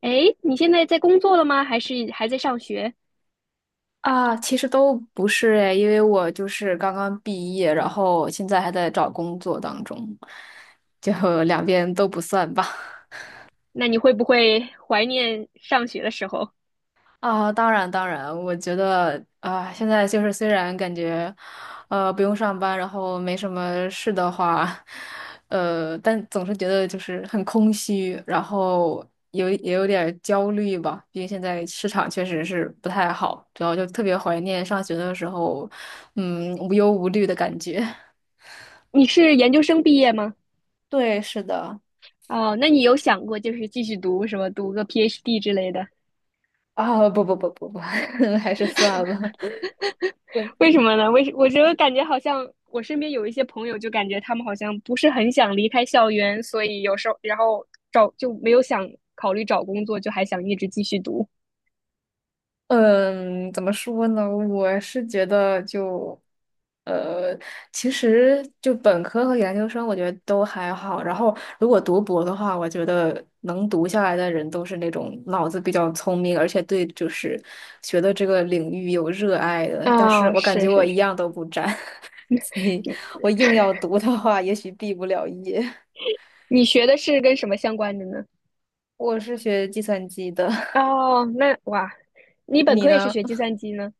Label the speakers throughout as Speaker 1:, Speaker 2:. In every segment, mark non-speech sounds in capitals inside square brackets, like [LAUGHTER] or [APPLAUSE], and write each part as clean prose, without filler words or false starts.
Speaker 1: 诶，你现在在工作了吗？还是还在上学？
Speaker 2: 啊，其实都不是诶，因为我就是刚刚毕业，然后现在还在找工作当中，就 [LAUGHS] 两边都不算吧。
Speaker 1: 那你会不会怀念上学的时候？
Speaker 2: 啊，当然当然，我觉得啊，现在就是虽然感觉，不用上班，然后没什么事的话，但总是觉得就是很空虚，然后也有点儿焦虑吧，毕竟现在市场确实是不太好，主要就特别怀念上学的时候，嗯，无忧无虑的感觉。
Speaker 1: 你是研究生毕业吗？
Speaker 2: 对，是的。
Speaker 1: 哦，那你有想过就是继续读什么，读个 PhD 之类的？
Speaker 2: 啊，不不不不不，[LAUGHS] 还是算了。我
Speaker 1: 为什么呢？我觉得感觉好像我身边有一些朋友，就感觉他们好像不是很想离开校园，所以有时候然后找就没有想考虑找工作，就还想一直继续读。
Speaker 2: 嗯，怎么说呢？我是觉得就，呃，其实就本科和研究生，我觉得都还好。然后如果读博的话，我觉得能读下来的人都是那种脑子比较聪明，而且对就是学的这个领域有热爱的。但是
Speaker 1: 啊、
Speaker 2: 我感
Speaker 1: 是
Speaker 2: 觉我
Speaker 1: 是
Speaker 2: 一
Speaker 1: 是，
Speaker 2: 样都不沾，[LAUGHS] 所以我硬要读的话，也许毕不了业。
Speaker 1: 你学的是跟什么相关的呢？
Speaker 2: 我是学计算机的。
Speaker 1: 哦，那哇，你本
Speaker 2: 你
Speaker 1: 科也是
Speaker 2: 呢？
Speaker 1: 学计算机呢？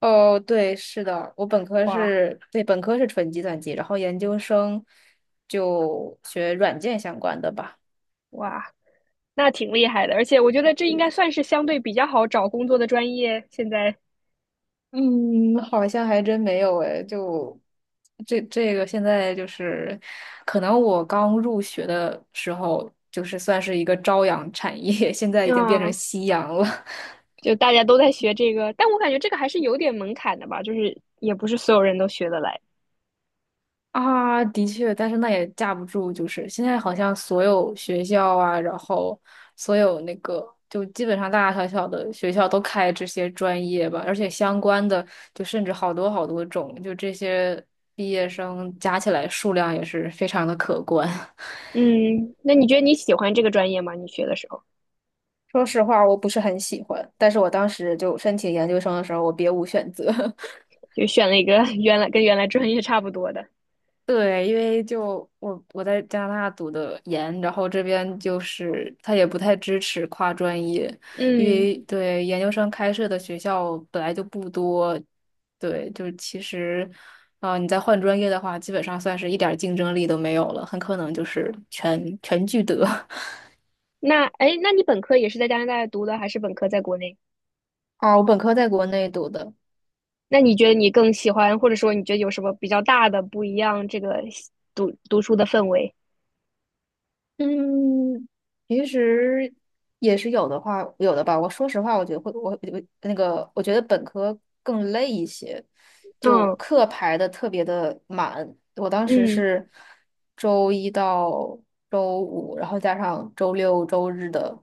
Speaker 2: 哦，对，是的，我本科
Speaker 1: 哇，
Speaker 2: 是，对，本科是纯计算机，然后研究生就学软件相关的吧。
Speaker 1: 哇，那挺厉害的，而且我觉得这应该算是相对比较好找工作的专业。现在，
Speaker 2: 嗯，好像还真没有诶，就这个现在就是，可能我刚入学的时候就是算是一个朝阳产业，[LAUGHS] 现在已经变成
Speaker 1: 嗯，
Speaker 2: 夕阳了。
Speaker 1: 就大家都在学这个，但我感觉这个还是有点门槛的吧，就是也不是所有人都学得来。
Speaker 2: 啊，的确，但是那也架不住，就是现在好像所有学校啊，然后所有那个，就基本上大大小小的学校都开这些专业吧，而且相关的就甚至好多好多种，就这些毕业生加起来数量也是非常的可观。[LAUGHS]
Speaker 1: 嗯，那你觉得你喜欢这个专业吗？你学的时候
Speaker 2: 说实话，我不是很喜欢，但是我当时就申请研究生的时候，我别无选择。[LAUGHS]
Speaker 1: 就选了一个 [LAUGHS] 原来跟原来专业差不多的。
Speaker 2: 对，因为就我在加拿大读的研，然后这边就是他也不太支持跨专业，因
Speaker 1: 嗯，
Speaker 2: 为对研究生开设的学校本来就不多，对，就是其实，啊、你再换专业的话，基本上算是一点儿竞争力都没有了，很可能就是全全聚德。[LAUGHS]
Speaker 1: 那哎，那你本科也是在加拿大读的，还是本科在国内？
Speaker 2: 啊，我本科在国内读的，
Speaker 1: 那你觉得你更喜欢，或者说你觉得有什么比较大的不一样？这个读书的氛围？
Speaker 2: 嗯，平时也是有的话，有的吧。我说实话，我觉得会，我我那个，我觉得本科更累一些，就
Speaker 1: 嗯
Speaker 2: 课排的特别的满。我当时
Speaker 1: 嗯，
Speaker 2: 是周一到周五，然后加上周六周日的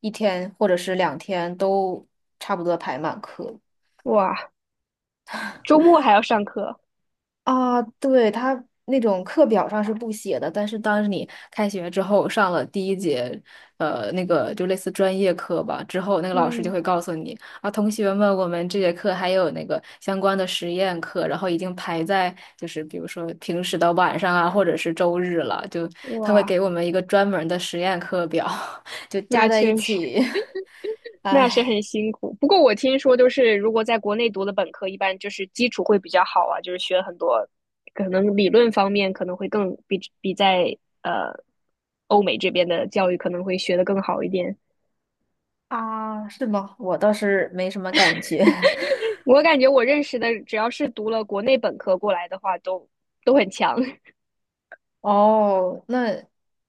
Speaker 2: 一天或者是2天都差不多排满课。
Speaker 1: 哇。周末还要上课，
Speaker 2: 啊，对，他那种课表上是不写的，但是当你开学之后上了第一节，那个就类似专业课吧，之后那个老师就
Speaker 1: 嗯，
Speaker 2: 会告诉你啊，同学们，我们这节课还有那个相关的实验课，然后已经排在就是比如说平时的晚上啊，或者是周日了，就他会
Speaker 1: 哇，
Speaker 2: 给我们一个专门的实验课表，[LAUGHS] 就
Speaker 1: 那
Speaker 2: 加在一
Speaker 1: 确实
Speaker 2: 起，[LAUGHS]
Speaker 1: 那是
Speaker 2: 唉
Speaker 1: 很辛苦。不过我听说，就是如果在国内读的本科，一般就是基础会比较好啊，就是学很多，可能理论方面可能会更比在呃欧美这边的教育可能会学的更好一点。
Speaker 2: 啊，是吗？我倒是没什么感觉。
Speaker 1: 我感觉我认识的，只要是读了国内本科过来的话，都很强。
Speaker 2: 哦，那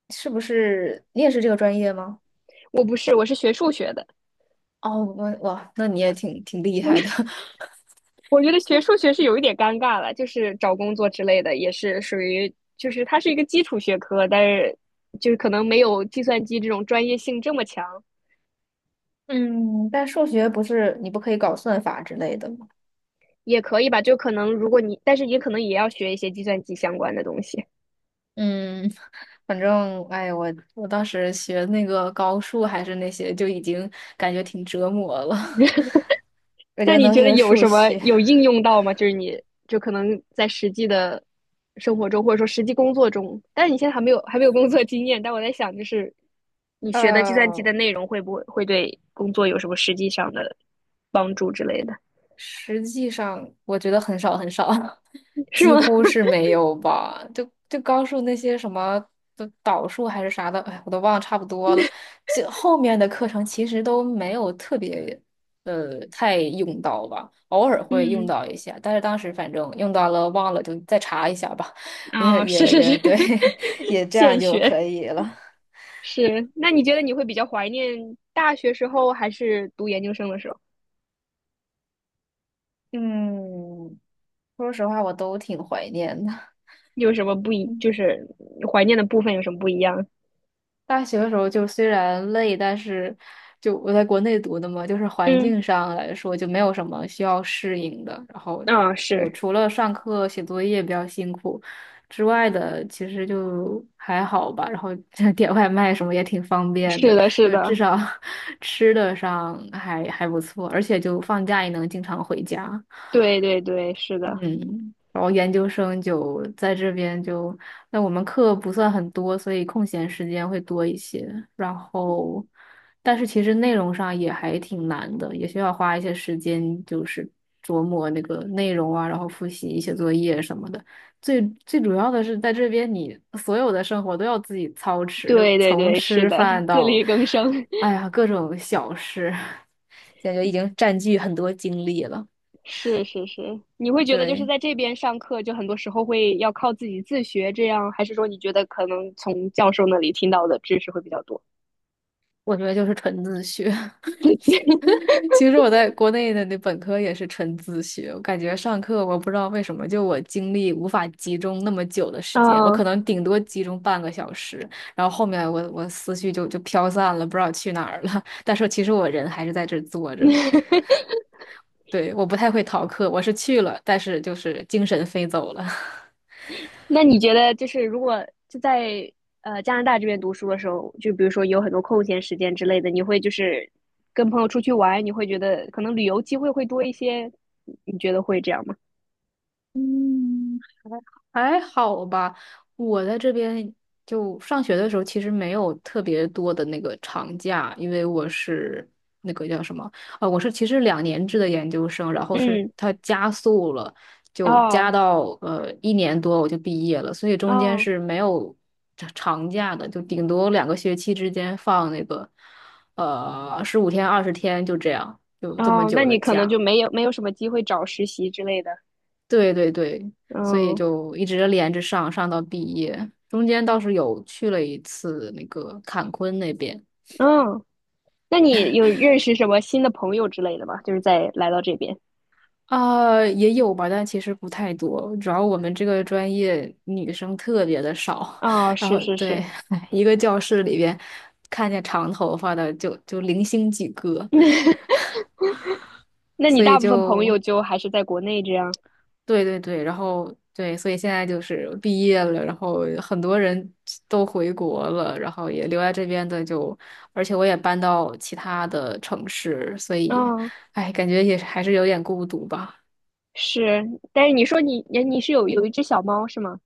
Speaker 2: 是不是你也是这个专业吗？
Speaker 1: [LAUGHS] 我不是，我是学数学的，
Speaker 2: 哦，我哇，那你也挺厉
Speaker 1: 嗯
Speaker 2: 害的。[LAUGHS]
Speaker 1: 我觉得学数学是有一点尴尬了，就是找工作之类的，也是属于就是它是一个基础学科，但是就是可能没有计算机这种专业性这么强，
Speaker 2: 嗯，但数学不是你不可以搞算法之类的吗？
Speaker 1: 也可以吧。就可能如果你，但是也可能也要学一些计算机相关的东西。
Speaker 2: 嗯，反正哎，我我当时学那个高数还是那些，就已经感觉挺折磨了。[LAUGHS] 我觉
Speaker 1: 那
Speaker 2: 得
Speaker 1: 你
Speaker 2: 能
Speaker 1: 觉得
Speaker 2: 学
Speaker 1: 有
Speaker 2: 数
Speaker 1: 什么
Speaker 2: 学，
Speaker 1: 有应用到吗？就是你就可能在实际的生活中，或者说实际工作中，但是你现在还没有工作经验，但我在想，就是你
Speaker 2: [LAUGHS]
Speaker 1: 学的计算机的
Speaker 2: 呃，
Speaker 1: 内容会不会对工作有什么实际上的帮助之类的？
Speaker 2: 实际上，我觉得很少很少，[LAUGHS]
Speaker 1: 是
Speaker 2: 几
Speaker 1: 吗？
Speaker 2: 乎
Speaker 1: [LAUGHS]
Speaker 2: 是没有吧。就高数那些什么的导数还是啥的，哎，我都忘了差不多了。这后面的课程其实都没有特别太用到吧，偶尔会用
Speaker 1: 嗯，
Speaker 2: 到一下，但是当时反正用到了忘了就再查一下吧，[LAUGHS] 也
Speaker 1: 啊，是
Speaker 2: 也
Speaker 1: 是
Speaker 2: 也
Speaker 1: 是，
Speaker 2: 对，[LAUGHS] 也
Speaker 1: [LAUGHS]
Speaker 2: 这
Speaker 1: 现
Speaker 2: 样就
Speaker 1: 学
Speaker 2: 可以了。
Speaker 1: 是。那你觉得你会比较怀念大学时候，还是读研究生的时候？
Speaker 2: 嗯，说实话，我都挺怀念的。
Speaker 1: 有什么不一？就是怀念的部分有什么不一样？
Speaker 2: 大学的时候就虽然累，但是就我在国内读的嘛，就是环
Speaker 1: 嗯，
Speaker 2: 境上来说就没有什么需要适应的。然后
Speaker 1: 啊、
Speaker 2: 就
Speaker 1: 是
Speaker 2: 除了上课写作业比较辛苦之外的，其实就还好吧。然后 [LAUGHS] 点外卖什么也挺方便
Speaker 1: 是
Speaker 2: 的，
Speaker 1: 的，是
Speaker 2: 就至
Speaker 1: 的，
Speaker 2: 少 [LAUGHS] 吃的上还还不错，而且就放假也能经常回家。
Speaker 1: 对对对，是的，
Speaker 2: 嗯，然后研究生就在这边就，那我们课不算很多，所以空闲时间会多一些。然后，但是其实内容上也还挺难的，也需要花一些时间，就是琢磨那个内容啊，然后复习一些作业什么的。最最主要的是，在这边你所有的生活都要自己操持，就
Speaker 1: 对对
Speaker 2: 从
Speaker 1: 对，是
Speaker 2: 吃
Speaker 1: 的，
Speaker 2: 饭
Speaker 1: 自
Speaker 2: 到，
Speaker 1: 力更生，
Speaker 2: 哎呀，各种小事，[LAUGHS] 感觉已经占据很多精力了。
Speaker 1: [LAUGHS] 是是是。你会觉得就是
Speaker 2: 对。
Speaker 1: 在这边上课，就很多时候会要靠自己自学，这样，还是说你觉得可能从教授那里听到的知识会比较多？
Speaker 2: 我觉得就是纯自学。[LAUGHS] 其实我在国内的那本科也是纯自学，我感觉上课我不知道为什么，就我精力无法集中那么久的时间，我
Speaker 1: 啊、
Speaker 2: 可能顶多集中半个小时，然后后面我思绪就飘散了，不知道去哪儿了。[LAUGHS] 但是其实我人还是在这儿坐着，
Speaker 1: [LAUGHS]
Speaker 2: 对，我不太会逃课，我是去了，但是就是精神飞走了。
Speaker 1: 那你觉得，就是如果就在加拿大这边读书的时候，就比如说有很多空闲时间之类的，你会就是跟朋友出去玩，你会觉得可能旅游机会会多一些，你觉得会这样吗？
Speaker 2: [LAUGHS] 嗯。还好吧，我在这边就上学的时候，其实没有特别多的那个长假，因为我是那个叫什么啊、我是其实2年制的研究生，然后是
Speaker 1: 嗯，
Speaker 2: 它加速了，就加
Speaker 1: 哦
Speaker 2: 到一年多我就毕业了，所以中间
Speaker 1: 哦
Speaker 2: 是没有长假的，就顶多2个学期之间放那个15天20天就这样，就这么
Speaker 1: 哦，那
Speaker 2: 久的
Speaker 1: 你可能就
Speaker 2: 假。
Speaker 1: 没有什么机会找实习之类的。
Speaker 2: 对对对，所以
Speaker 1: 嗯
Speaker 2: 就一直连着上，上到毕业。中间倒是有去了一次那个坎昆那边，
Speaker 1: 嗯，那你有认识什么新的朋友之类的吗？就是在来到这边。
Speaker 2: 啊、也有吧，但其实不太多。主要我们这个专业女生特别的少，
Speaker 1: 哦，
Speaker 2: [LAUGHS] 然
Speaker 1: 是
Speaker 2: 后
Speaker 1: 是
Speaker 2: 对，
Speaker 1: 是，
Speaker 2: [LAUGHS] 一个教室里边看见长头发的就零星几个，
Speaker 1: [LAUGHS] 那你
Speaker 2: 所以
Speaker 1: 大部分朋友
Speaker 2: 就
Speaker 1: 就还是在国内这样。
Speaker 2: 对对对，然后对，所以现在就是毕业了，然后很多人都回国了，然后也留在这边的就，而且我也搬到其他的城市，所以，
Speaker 1: 嗯。
Speaker 2: 哎，感觉也是还是有点孤独吧。
Speaker 1: 是，但是你说你是有一只小猫是吗？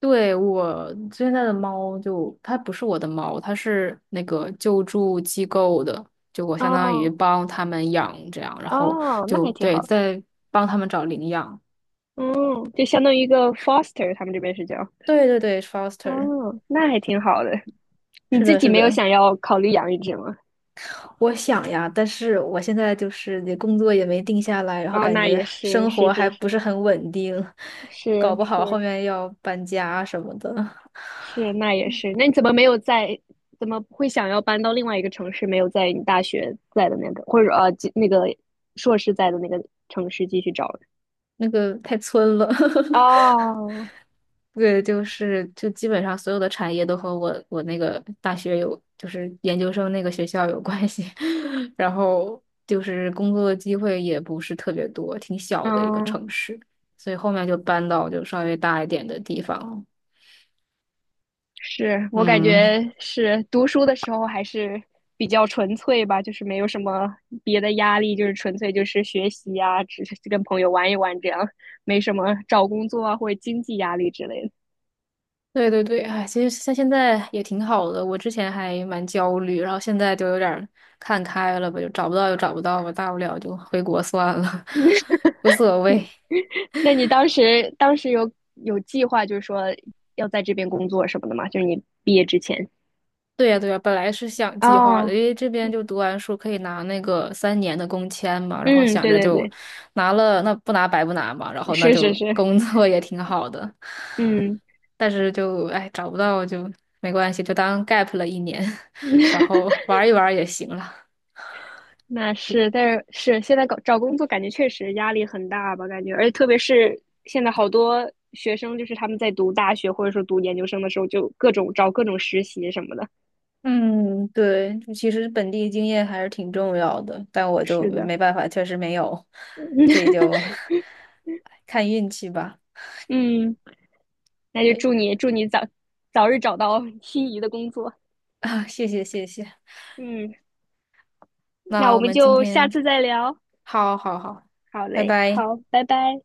Speaker 2: 对，我现在的猫就，它不是我的猫，它是那个救助机构的，就我相当于
Speaker 1: 哦
Speaker 2: 帮他们养这样，然后
Speaker 1: 哦，那
Speaker 2: 就
Speaker 1: 还挺
Speaker 2: 对，
Speaker 1: 好。
Speaker 2: 在帮他们找领养。
Speaker 1: 嗯，就相当于一个 foster，他们这边是叫。
Speaker 2: 对对对，foster，
Speaker 1: 哦，那还挺好的。你
Speaker 2: 是
Speaker 1: 自
Speaker 2: 的，
Speaker 1: 己
Speaker 2: 是
Speaker 1: 没有
Speaker 2: 的。
Speaker 1: 想要考虑养一只吗？
Speaker 2: 我想呀，但是我现在就是那工作也没定下来，然后
Speaker 1: 哦，
Speaker 2: 感
Speaker 1: 那
Speaker 2: 觉
Speaker 1: 也是，
Speaker 2: 生
Speaker 1: 是
Speaker 2: 活还
Speaker 1: 是
Speaker 2: 不
Speaker 1: 是
Speaker 2: 是很稳定，
Speaker 1: 是
Speaker 2: 搞不好后
Speaker 1: 是
Speaker 2: 面要搬家什么的，
Speaker 1: 是，那也是。那你怎么没有在？怎么会想要搬到另外一个城市？没有在你大学在的那个，或者，那个硕士在的那个城市继续找
Speaker 2: 那个太村了。[LAUGHS]
Speaker 1: 呢哦，
Speaker 2: 对，就是就基本上所有的产业都和我那个大学有，就是研究生那个学校有关系，[LAUGHS] 然后就是工作的机会也不是特别多，挺小的一个
Speaker 1: 嗯，
Speaker 2: 城市，所以后面就搬到就稍微大一点的地方了。
Speaker 1: 是我感
Speaker 2: 嗯，
Speaker 1: 觉是读书的时候还是比较纯粹吧，就是没有什么别的压力，就是纯粹就是学习啊，只是跟朋友玩一玩这样，没什么找工作啊或者经济压力之类的。
Speaker 2: 对对对，哎，其实像现在也挺好的。我之前还蛮焦虑，然后现在就有点儿看开了吧，就找不到就找不到吧，大不了就回国算了，[LAUGHS] 无所谓。
Speaker 1: [LAUGHS] 那你当时有计划，就是说要在这边工作什么的吗？就是你毕业之前。
Speaker 2: 对呀对呀，本来是想计划的，
Speaker 1: 哦，
Speaker 2: 因为这边就读完书可以拿那个3年的工签嘛，然后
Speaker 1: 嗯，
Speaker 2: 想
Speaker 1: 对
Speaker 2: 着
Speaker 1: 对
Speaker 2: 就
Speaker 1: 对，
Speaker 2: 拿了，那不拿白不拿嘛，然后那
Speaker 1: 是是
Speaker 2: 就
Speaker 1: 是，
Speaker 2: [LAUGHS] 工作也挺好的，
Speaker 1: 嗯。
Speaker 2: 但是就哎找不到就没关系，就当 gap 了一年，[LAUGHS] 然
Speaker 1: [LAUGHS]
Speaker 2: 后玩一玩也行了。
Speaker 1: 那是，但是现在搞找工作，感觉确实压力很大吧？感觉，而且特别是现在好多学生，就是他们在读大学或者说读研究生的时候，就各种找各种实习什么的。
Speaker 2: 嗯，对，其实本地经验还是挺重要的，但我就
Speaker 1: 是的，
Speaker 2: 没办法，确实没有，这
Speaker 1: [LAUGHS]
Speaker 2: 就 [LAUGHS] 看运气吧。
Speaker 1: 嗯，那就
Speaker 2: 对
Speaker 1: 祝你早日找到 [LAUGHS] 心仪的工作。
Speaker 2: 啊，[LAUGHS] 谢谢谢谢，
Speaker 1: 嗯，那
Speaker 2: 那
Speaker 1: 我
Speaker 2: 我
Speaker 1: 们
Speaker 2: 们今
Speaker 1: 就下
Speaker 2: 天
Speaker 1: 次再聊。
Speaker 2: 好好好，
Speaker 1: 好
Speaker 2: 拜
Speaker 1: 嘞，
Speaker 2: 拜。
Speaker 1: 好，拜拜。